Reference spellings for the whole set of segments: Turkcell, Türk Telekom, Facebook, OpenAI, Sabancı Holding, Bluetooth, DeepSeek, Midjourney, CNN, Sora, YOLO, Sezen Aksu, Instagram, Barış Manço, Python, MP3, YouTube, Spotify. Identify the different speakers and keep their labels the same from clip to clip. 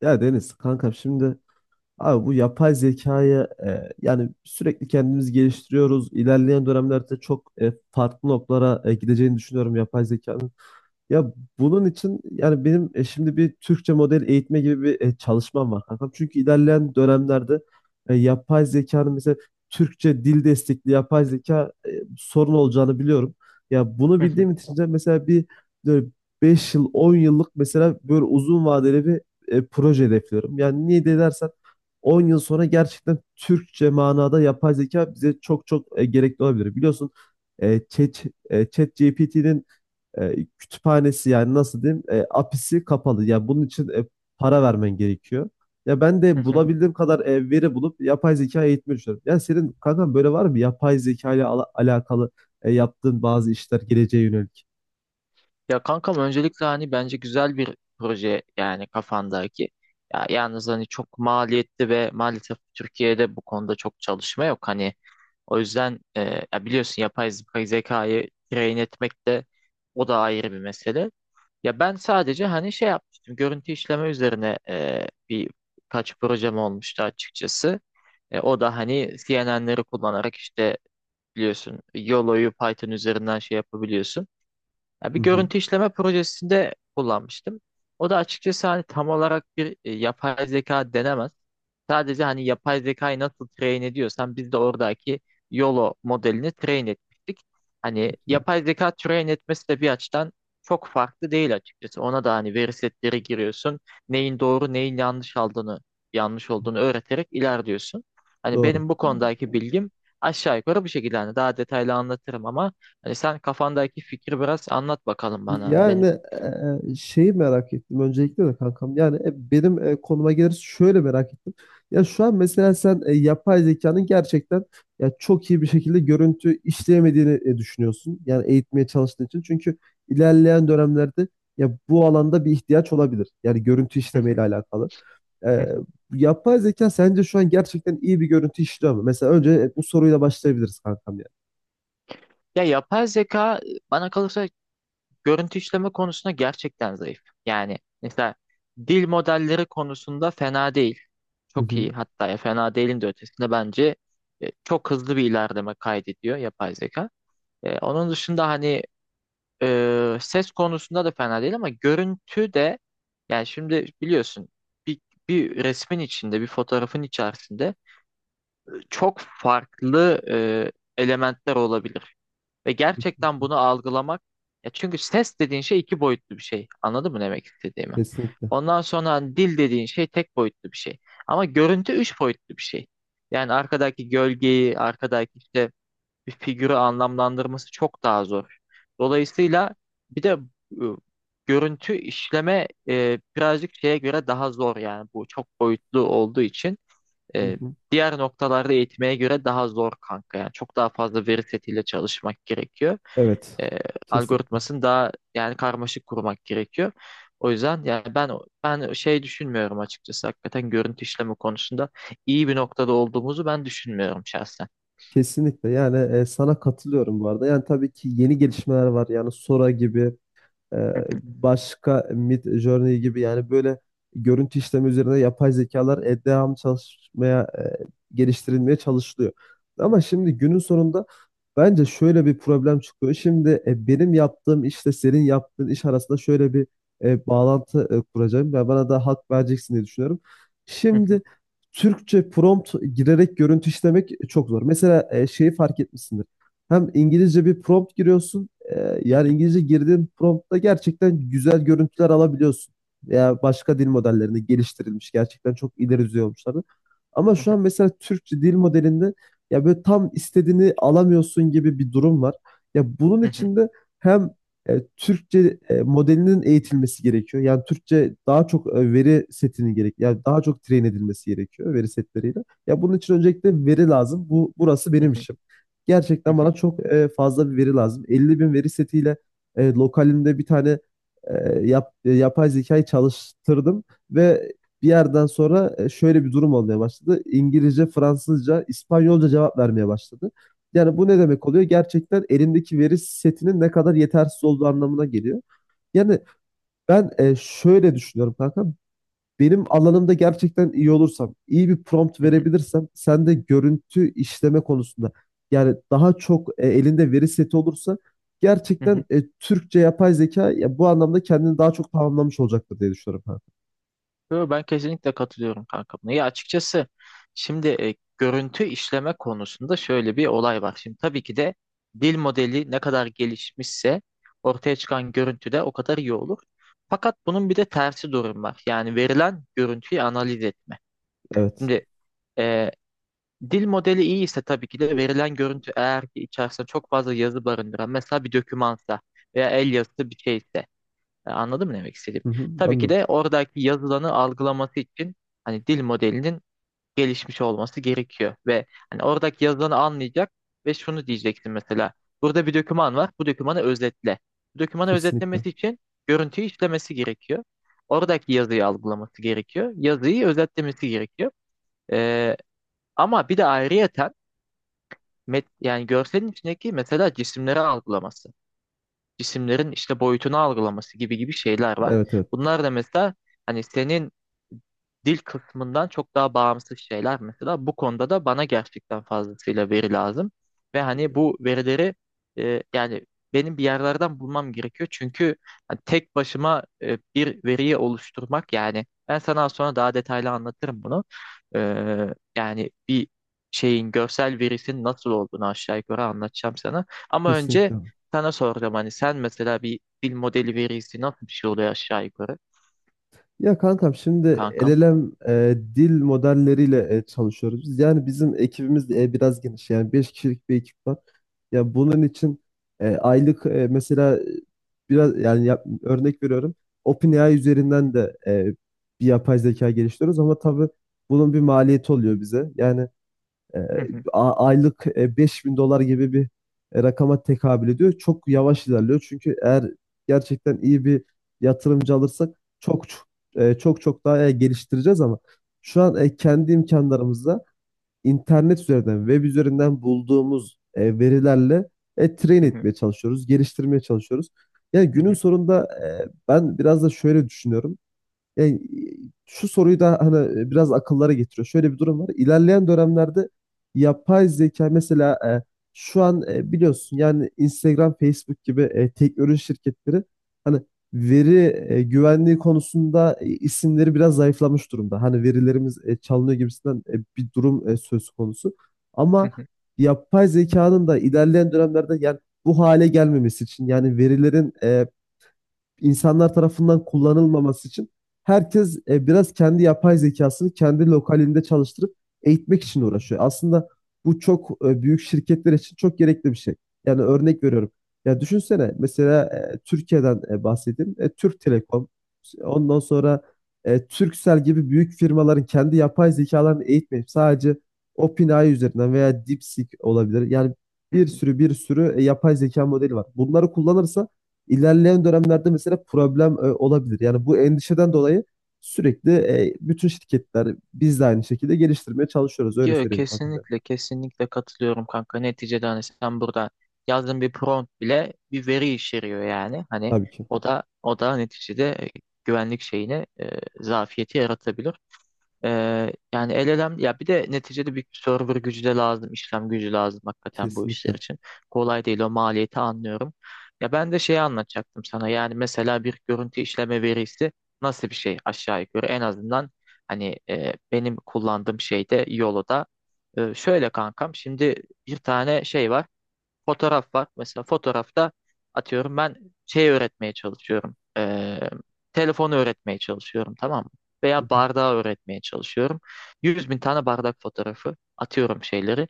Speaker 1: Ya Deniz kankam, şimdi abi bu yapay zekayı yani sürekli kendimiz geliştiriyoruz. İlerleyen dönemlerde çok farklı noktalara gideceğini düşünüyorum yapay zekanın. Ya bunun için yani benim şimdi bir Türkçe model eğitme gibi bir çalışmam var kankam. Çünkü ilerleyen dönemlerde yapay zekanın mesela Türkçe dil destekli yapay zeka sorun olacağını biliyorum. Ya bunu
Speaker 2: Hı hı,
Speaker 1: bildiğim için de mesela bir böyle 5 yıl 10 yıllık, mesela böyle uzun vadeli bir proje hedefliyorum. Yani niye de dersen, 10 yıl sonra gerçekten Türkçe manada yapay zeka bize çok çok gerekli olabilir. Biliyorsun, e, Chat, e, kütüphanesi, yani nasıl diyeyim, apisi kapalı. Ya bunun için para vermen gerekiyor. Ya ben
Speaker 2: hı
Speaker 1: de
Speaker 2: hı.
Speaker 1: bulabildiğim kadar veri bulup yapay zeka eğitmeyi düşünüyorum. Ya senin kankam böyle var mı? Yapay zeka ile alakalı yaptığın bazı işler, geleceğe yönelik.
Speaker 2: Ya kankam öncelikle hani bence güzel bir proje yani kafandaki. Ya yalnız hani çok maliyetli ve maalesef Türkiye'de bu konuda çok çalışma yok. Hani o yüzden ya biliyorsun zekayı train etmek de o da ayrı bir mesele. Ya ben sadece hani şey yapmıştım görüntü işleme üzerine bir kaç projem olmuştu açıkçası. O da hani CNN'leri kullanarak işte biliyorsun YOLO'yu Python üzerinden şey yapabiliyorsun. Ya
Speaker 1: Hı
Speaker 2: bir
Speaker 1: hı.
Speaker 2: görüntü işleme projesinde kullanmıştım. O da açıkçası hani tam olarak bir yapay zeka denemez. Sadece hani yapay zekayı nasıl train ediyorsan biz de oradaki YOLO modelini train etmiştik. Hani yapay zeka train etmesi de bir açıdan çok farklı değil açıkçası. Ona da hani veri setleri giriyorsun. Neyin doğru neyin yanlış aldığını yanlış olduğunu öğreterek ilerliyorsun. Hani
Speaker 1: Doğru.
Speaker 2: benim bu konudaki bilgim aşağı yukarı bu şekilde. Hani daha detaylı anlatırım ama hani sen kafandaki fikri biraz anlat bakalım bana hani
Speaker 1: Yani
Speaker 2: benim.
Speaker 1: şeyi merak ettim öncelikle de kankam. Yani benim konuma geliriz, şöyle merak ettim. Ya şu an mesela sen yapay zekanın gerçekten ya çok iyi bir şekilde görüntü işleyemediğini düşünüyorsun. Yani eğitmeye çalıştığın için. Çünkü ilerleyen dönemlerde ya bu alanda bir ihtiyaç olabilir. Yani görüntü işlemeyle alakalı. E, Yapay zeka sence şu an gerçekten iyi bir görüntü işliyor mu? Mesela önce bu soruyla başlayabiliriz kankam, yani.
Speaker 2: Ya yapay zeka bana kalırsa görüntü işleme konusunda gerçekten zayıf. Yani mesela dil modelleri konusunda fena değil.
Speaker 1: Hı
Speaker 2: Çok
Speaker 1: hı.
Speaker 2: iyi hatta ya fena değilin de ötesinde bence çok hızlı bir ilerleme kaydediyor yapay zeka. Onun dışında hani ses konusunda da fena değil ama görüntü de yani şimdi biliyorsun bir, bir resmin içinde bir fotoğrafın içerisinde çok farklı elementler olabilir. Ve gerçekten bunu algılamak ya çünkü ses dediğin şey iki boyutlu bir şey. Anladın mı ne demek istediğimi?
Speaker 1: Kesinlikle.
Speaker 2: Ondan sonra hani dil dediğin şey tek boyutlu bir şey. Ama görüntü üç boyutlu bir şey. Yani arkadaki gölgeyi, arkadaki işte bir figürü anlamlandırması çok daha zor. Dolayısıyla bir de e, görüntü işleme birazcık şeye göre daha zor yani bu çok boyutlu olduğu için.
Speaker 1: Hı
Speaker 2: E,
Speaker 1: hı.
Speaker 2: Diğer noktalarda eğitmeye göre daha zor kanka. Yani çok daha fazla veri setiyle çalışmak gerekiyor.
Speaker 1: Evet.
Speaker 2: E,
Speaker 1: Kesinlikle.
Speaker 2: Algoritmasını daha yani karmaşık kurmak gerekiyor. O yüzden yani ben şey düşünmüyorum açıkçası. Hakikaten görüntü işleme konusunda iyi bir noktada olduğumuzu ben düşünmüyorum şahsen.
Speaker 1: Kesinlikle, yani sana katılıyorum bu arada. Yani tabii ki yeni gelişmeler var, yani Sora gibi, ee, başka Mid Journey gibi, yani böyle görüntü işleme üzerine yapay zekalar devam çalışmaya, geliştirilmeye çalışılıyor. Ama şimdi günün sonunda bence şöyle bir problem çıkıyor. Şimdi benim yaptığım işle senin yaptığın iş arasında şöyle bir bağlantı kuracağım ve bana da hak vereceksin diye düşünüyorum. Şimdi Türkçe prompt girerek görüntü işlemek çok zor. Mesela şeyi fark etmişsindir. Hem İngilizce bir prompt giriyorsun, yani İngilizce girdiğin promptta gerçekten güzel görüntüler alabiliyorsun. Veya başka dil modellerini geliştirilmiş, gerçekten çok ileri düzey olmuşlardı. Ama şu an mesela Türkçe dil modelinde ya böyle tam istediğini alamıyorsun gibi bir durum var. Ya bunun için de hem Türkçe modelinin eğitilmesi gerekiyor. Yani Türkçe daha çok veri setinin gerek, yani daha çok train edilmesi gerekiyor veri setleriyle. Ya bunun için öncelikle veri lazım. Bu burası benim işim. Gerçekten bana çok fazla bir veri lazım. 50 bin veri setiyle lokalinde bir tane e, yapay zekayı çalıştırdım ve bir yerden sonra şöyle bir durum olmaya başladı. İngilizce, Fransızca, İspanyolca cevap vermeye başladı. Yani bu ne demek oluyor? Gerçekten elindeki veri setinin ne kadar yetersiz olduğu anlamına geliyor. Yani ben şöyle düşünüyorum kanka, benim alanımda gerçekten iyi olursam, iyi bir prompt verebilirsem, sen de görüntü işleme konusunda yani daha çok elinde veri seti olursa, gerçekten Türkçe yapay zeka ya, bu anlamda kendini daha çok tamamlamış olacaktır diye düşünüyorum. Ha.
Speaker 2: Yo, ben kesinlikle katılıyorum kanka buna. Ya açıkçası şimdi görüntü işleme konusunda şöyle bir olay var. Şimdi tabii ki de dil modeli ne kadar gelişmişse ortaya çıkan görüntü de o kadar iyi olur. Fakat bunun bir de tersi durum var. Yani verilen görüntüyü analiz etme.
Speaker 1: Evet.
Speaker 2: Şimdi e, dil modeli iyi ise tabii ki de verilen görüntü eğer ki içerisinde çok fazla yazı barındıran mesela bir dokümansa veya el yazısı bir şeyse anladın mı ne demek istediğim?
Speaker 1: Hı hı,
Speaker 2: Tabii ki
Speaker 1: anladım.
Speaker 2: de oradaki yazılanı algılaması için hani dil modelinin gelişmiş olması gerekiyor ve hani oradaki yazılanı anlayacak ve şunu diyeceksin mesela. Burada bir doküman var. Bu dokümanı özetle. Bu dokümanı
Speaker 1: Kesinlikle.
Speaker 2: özetlemesi için görüntüyü işlemesi gerekiyor. Oradaki yazıyı algılaması gerekiyor. Yazıyı özetlemesi gerekiyor. E, Ama bir de ayrıyeten yani görselin içindeki mesela cisimleri algılaması cisimlerin işte boyutunu algılaması gibi gibi şeyler var.
Speaker 1: Evet, evet.
Speaker 2: Bunlar da mesela hani senin dil kısmından çok daha bağımsız şeyler mesela. Bu konuda da bana gerçekten fazlasıyla veri lazım. Ve hani bu verileri yani benim bir yerlerden bulmam gerekiyor. Çünkü hani tek başıma bir veriyi oluşturmak yani ben sana az sonra daha detaylı anlatırım bunu. E, Yani bir şeyin görsel verisinin nasıl olduğunu aşağı yukarı anlatacağım sana. Ama önce
Speaker 1: Kesinlikle.
Speaker 2: sana soracağım hani sen mesela bir dil modeli verisi nasıl bir şey oluyor aşağı yukarı
Speaker 1: Ya kankam, şimdi
Speaker 2: kankam?
Speaker 1: LLM dil modelleriyle çalışıyoruz biz. Yani bizim ekibimiz de biraz geniş. Yani 5 kişilik bir ekip var. Ya bunun için aylık, mesela, biraz yani örnek veriyorum. OpenAI üzerinden de bir yapay zeka geliştiriyoruz ama tabii bunun bir maliyeti oluyor bize. Yani e, aylık 5.000 dolar gibi bir rakama tekabül ediyor. Çok yavaş ilerliyor. Çünkü eğer gerçekten iyi bir yatırımcı alırsak çok çok çok daha geliştireceğiz, ama şu an kendi imkanlarımızla internet üzerinden, web üzerinden bulduğumuz verilerle train etmeye çalışıyoruz, geliştirmeye çalışıyoruz. Yani günün sonunda ben biraz da şöyle düşünüyorum. Yani şu soruyu da hani biraz akıllara getiriyor. Şöyle bir durum var. İlerleyen dönemlerde yapay zeka mesela, şu an biliyorsun yani, Instagram, Facebook gibi teknoloji şirketleri hani veri güvenliği konusunda isimleri biraz zayıflamış durumda. Hani verilerimiz çalınıyor gibisinden bir durum söz konusu.
Speaker 2: Hı
Speaker 1: Ama
Speaker 2: hı,
Speaker 1: yapay zekanın da ilerleyen dönemlerde yani bu hale gelmemesi için, yani verilerin insanlar tarafından kullanılmaması için herkes biraz kendi yapay zekasını kendi lokalinde çalıştırıp eğitmek için uğraşıyor. Aslında bu çok büyük şirketler için çok gerekli bir şey. Yani örnek veriyorum. Ya düşünsene mesela, Türkiye'den bahsedeyim. Türk Telekom, ondan sonra Turkcell gibi büyük firmaların kendi yapay zekalarını eğitmeyip sadece OpenAI üzerinden veya DeepSeek olabilir. Yani
Speaker 2: hı
Speaker 1: bir
Speaker 2: hı.
Speaker 1: sürü bir sürü yapay zeka modeli var. Bunları kullanırsa ilerleyen dönemlerde mesela problem olabilir. Yani bu endişeden dolayı sürekli bütün şirketler, biz de aynı şekilde geliştirmeye çalışıyoruz. Öyle
Speaker 2: Yo,
Speaker 1: söyleyeyim kankam benim.
Speaker 2: kesinlikle kesinlikle katılıyorum kanka. Neticede hani sen burada yazdığın bir prompt bile bir veri içeriyor yani. Hani
Speaker 1: Tabii ki.
Speaker 2: o da neticede güvenlik şeyine zafiyeti yaratabilir. Yani el elem ya bir de neticede bir server gücü de lazım, işlem gücü lazım hakikaten bu işler
Speaker 1: Kesinlikle.
Speaker 2: için. Kolay değil o maliyeti anlıyorum. Ya ben de şeyi anlatacaktım sana. Yani mesela bir görüntü işleme verisi nasıl bir şey aşağı yukarı en azından hani benim kullandığım şeyde Yolo'da. Şöyle kankam şimdi bir tane şey var. Fotoğraf var. Mesela fotoğrafta atıyorum ben şey öğretmeye çalışıyorum. Telefonu öğretmeye çalışıyorum tamam mı? Veya bardağı öğretmeye çalışıyorum. 100.000 tane bardak fotoğrafı atıyorum şeyleri.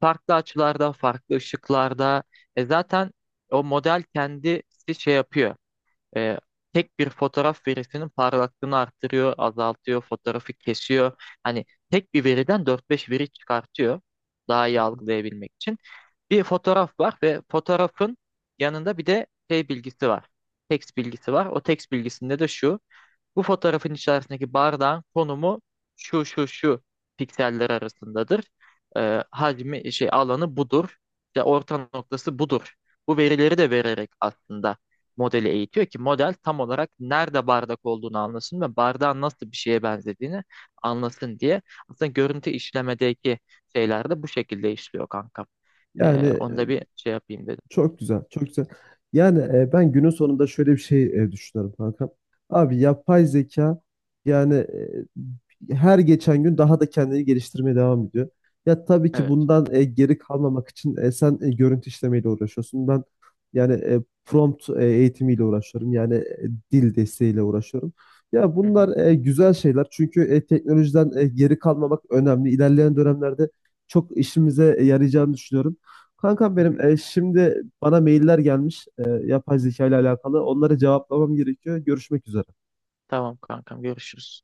Speaker 2: Farklı açılarda, farklı ışıklarda. E zaten o model kendisi şey yapıyor. E, Tek bir fotoğraf verisinin parlaklığını arttırıyor, azaltıyor, fotoğrafı kesiyor. Hani tek bir veriden dört beş veri çıkartıyor daha iyi algılayabilmek için. Bir fotoğraf var ve fotoğrafın yanında bir de şey bilgisi var. Text bilgisi var. O text bilgisinde de şu. Bu fotoğrafın içerisindeki bardağın konumu şu şu şu pikseller arasındadır. Hacmi şey alanı budur. İşte orta noktası budur. Bu verileri de vererek aslında modeli eğitiyor ki model tam olarak nerede bardak olduğunu anlasın ve bardağın nasıl bir şeye benzediğini anlasın diye. Aslında görüntü işlemedeki şeyler de bu şekilde işliyor kankam.
Speaker 1: Yani
Speaker 2: Onu da bir şey yapayım dedim.
Speaker 1: çok güzel, çok güzel. Yani ben günün sonunda şöyle bir şey düşünüyorum kankam.
Speaker 2: Hı hı.
Speaker 1: Abi yapay zeka yani her geçen gün daha da kendini geliştirmeye devam ediyor. Ya tabii ki
Speaker 2: Evet.
Speaker 1: bundan geri kalmamak için sen görüntü işlemeyle uğraşıyorsun. Ben yani prompt eğitimiyle uğraşıyorum. Yani dil desteğiyle uğraşıyorum. Ya
Speaker 2: Hı hı.
Speaker 1: bunlar güzel şeyler, çünkü teknolojiden geri kalmamak önemli. İlerleyen dönemlerde çok işimize yarayacağını düşünüyorum. Kankam
Speaker 2: Hı hı.
Speaker 1: benim, şimdi bana mailler gelmiş yapay zeka ile alakalı. Onları cevaplamam gerekiyor. Görüşmek üzere.
Speaker 2: Tamam kankam görüşürüz.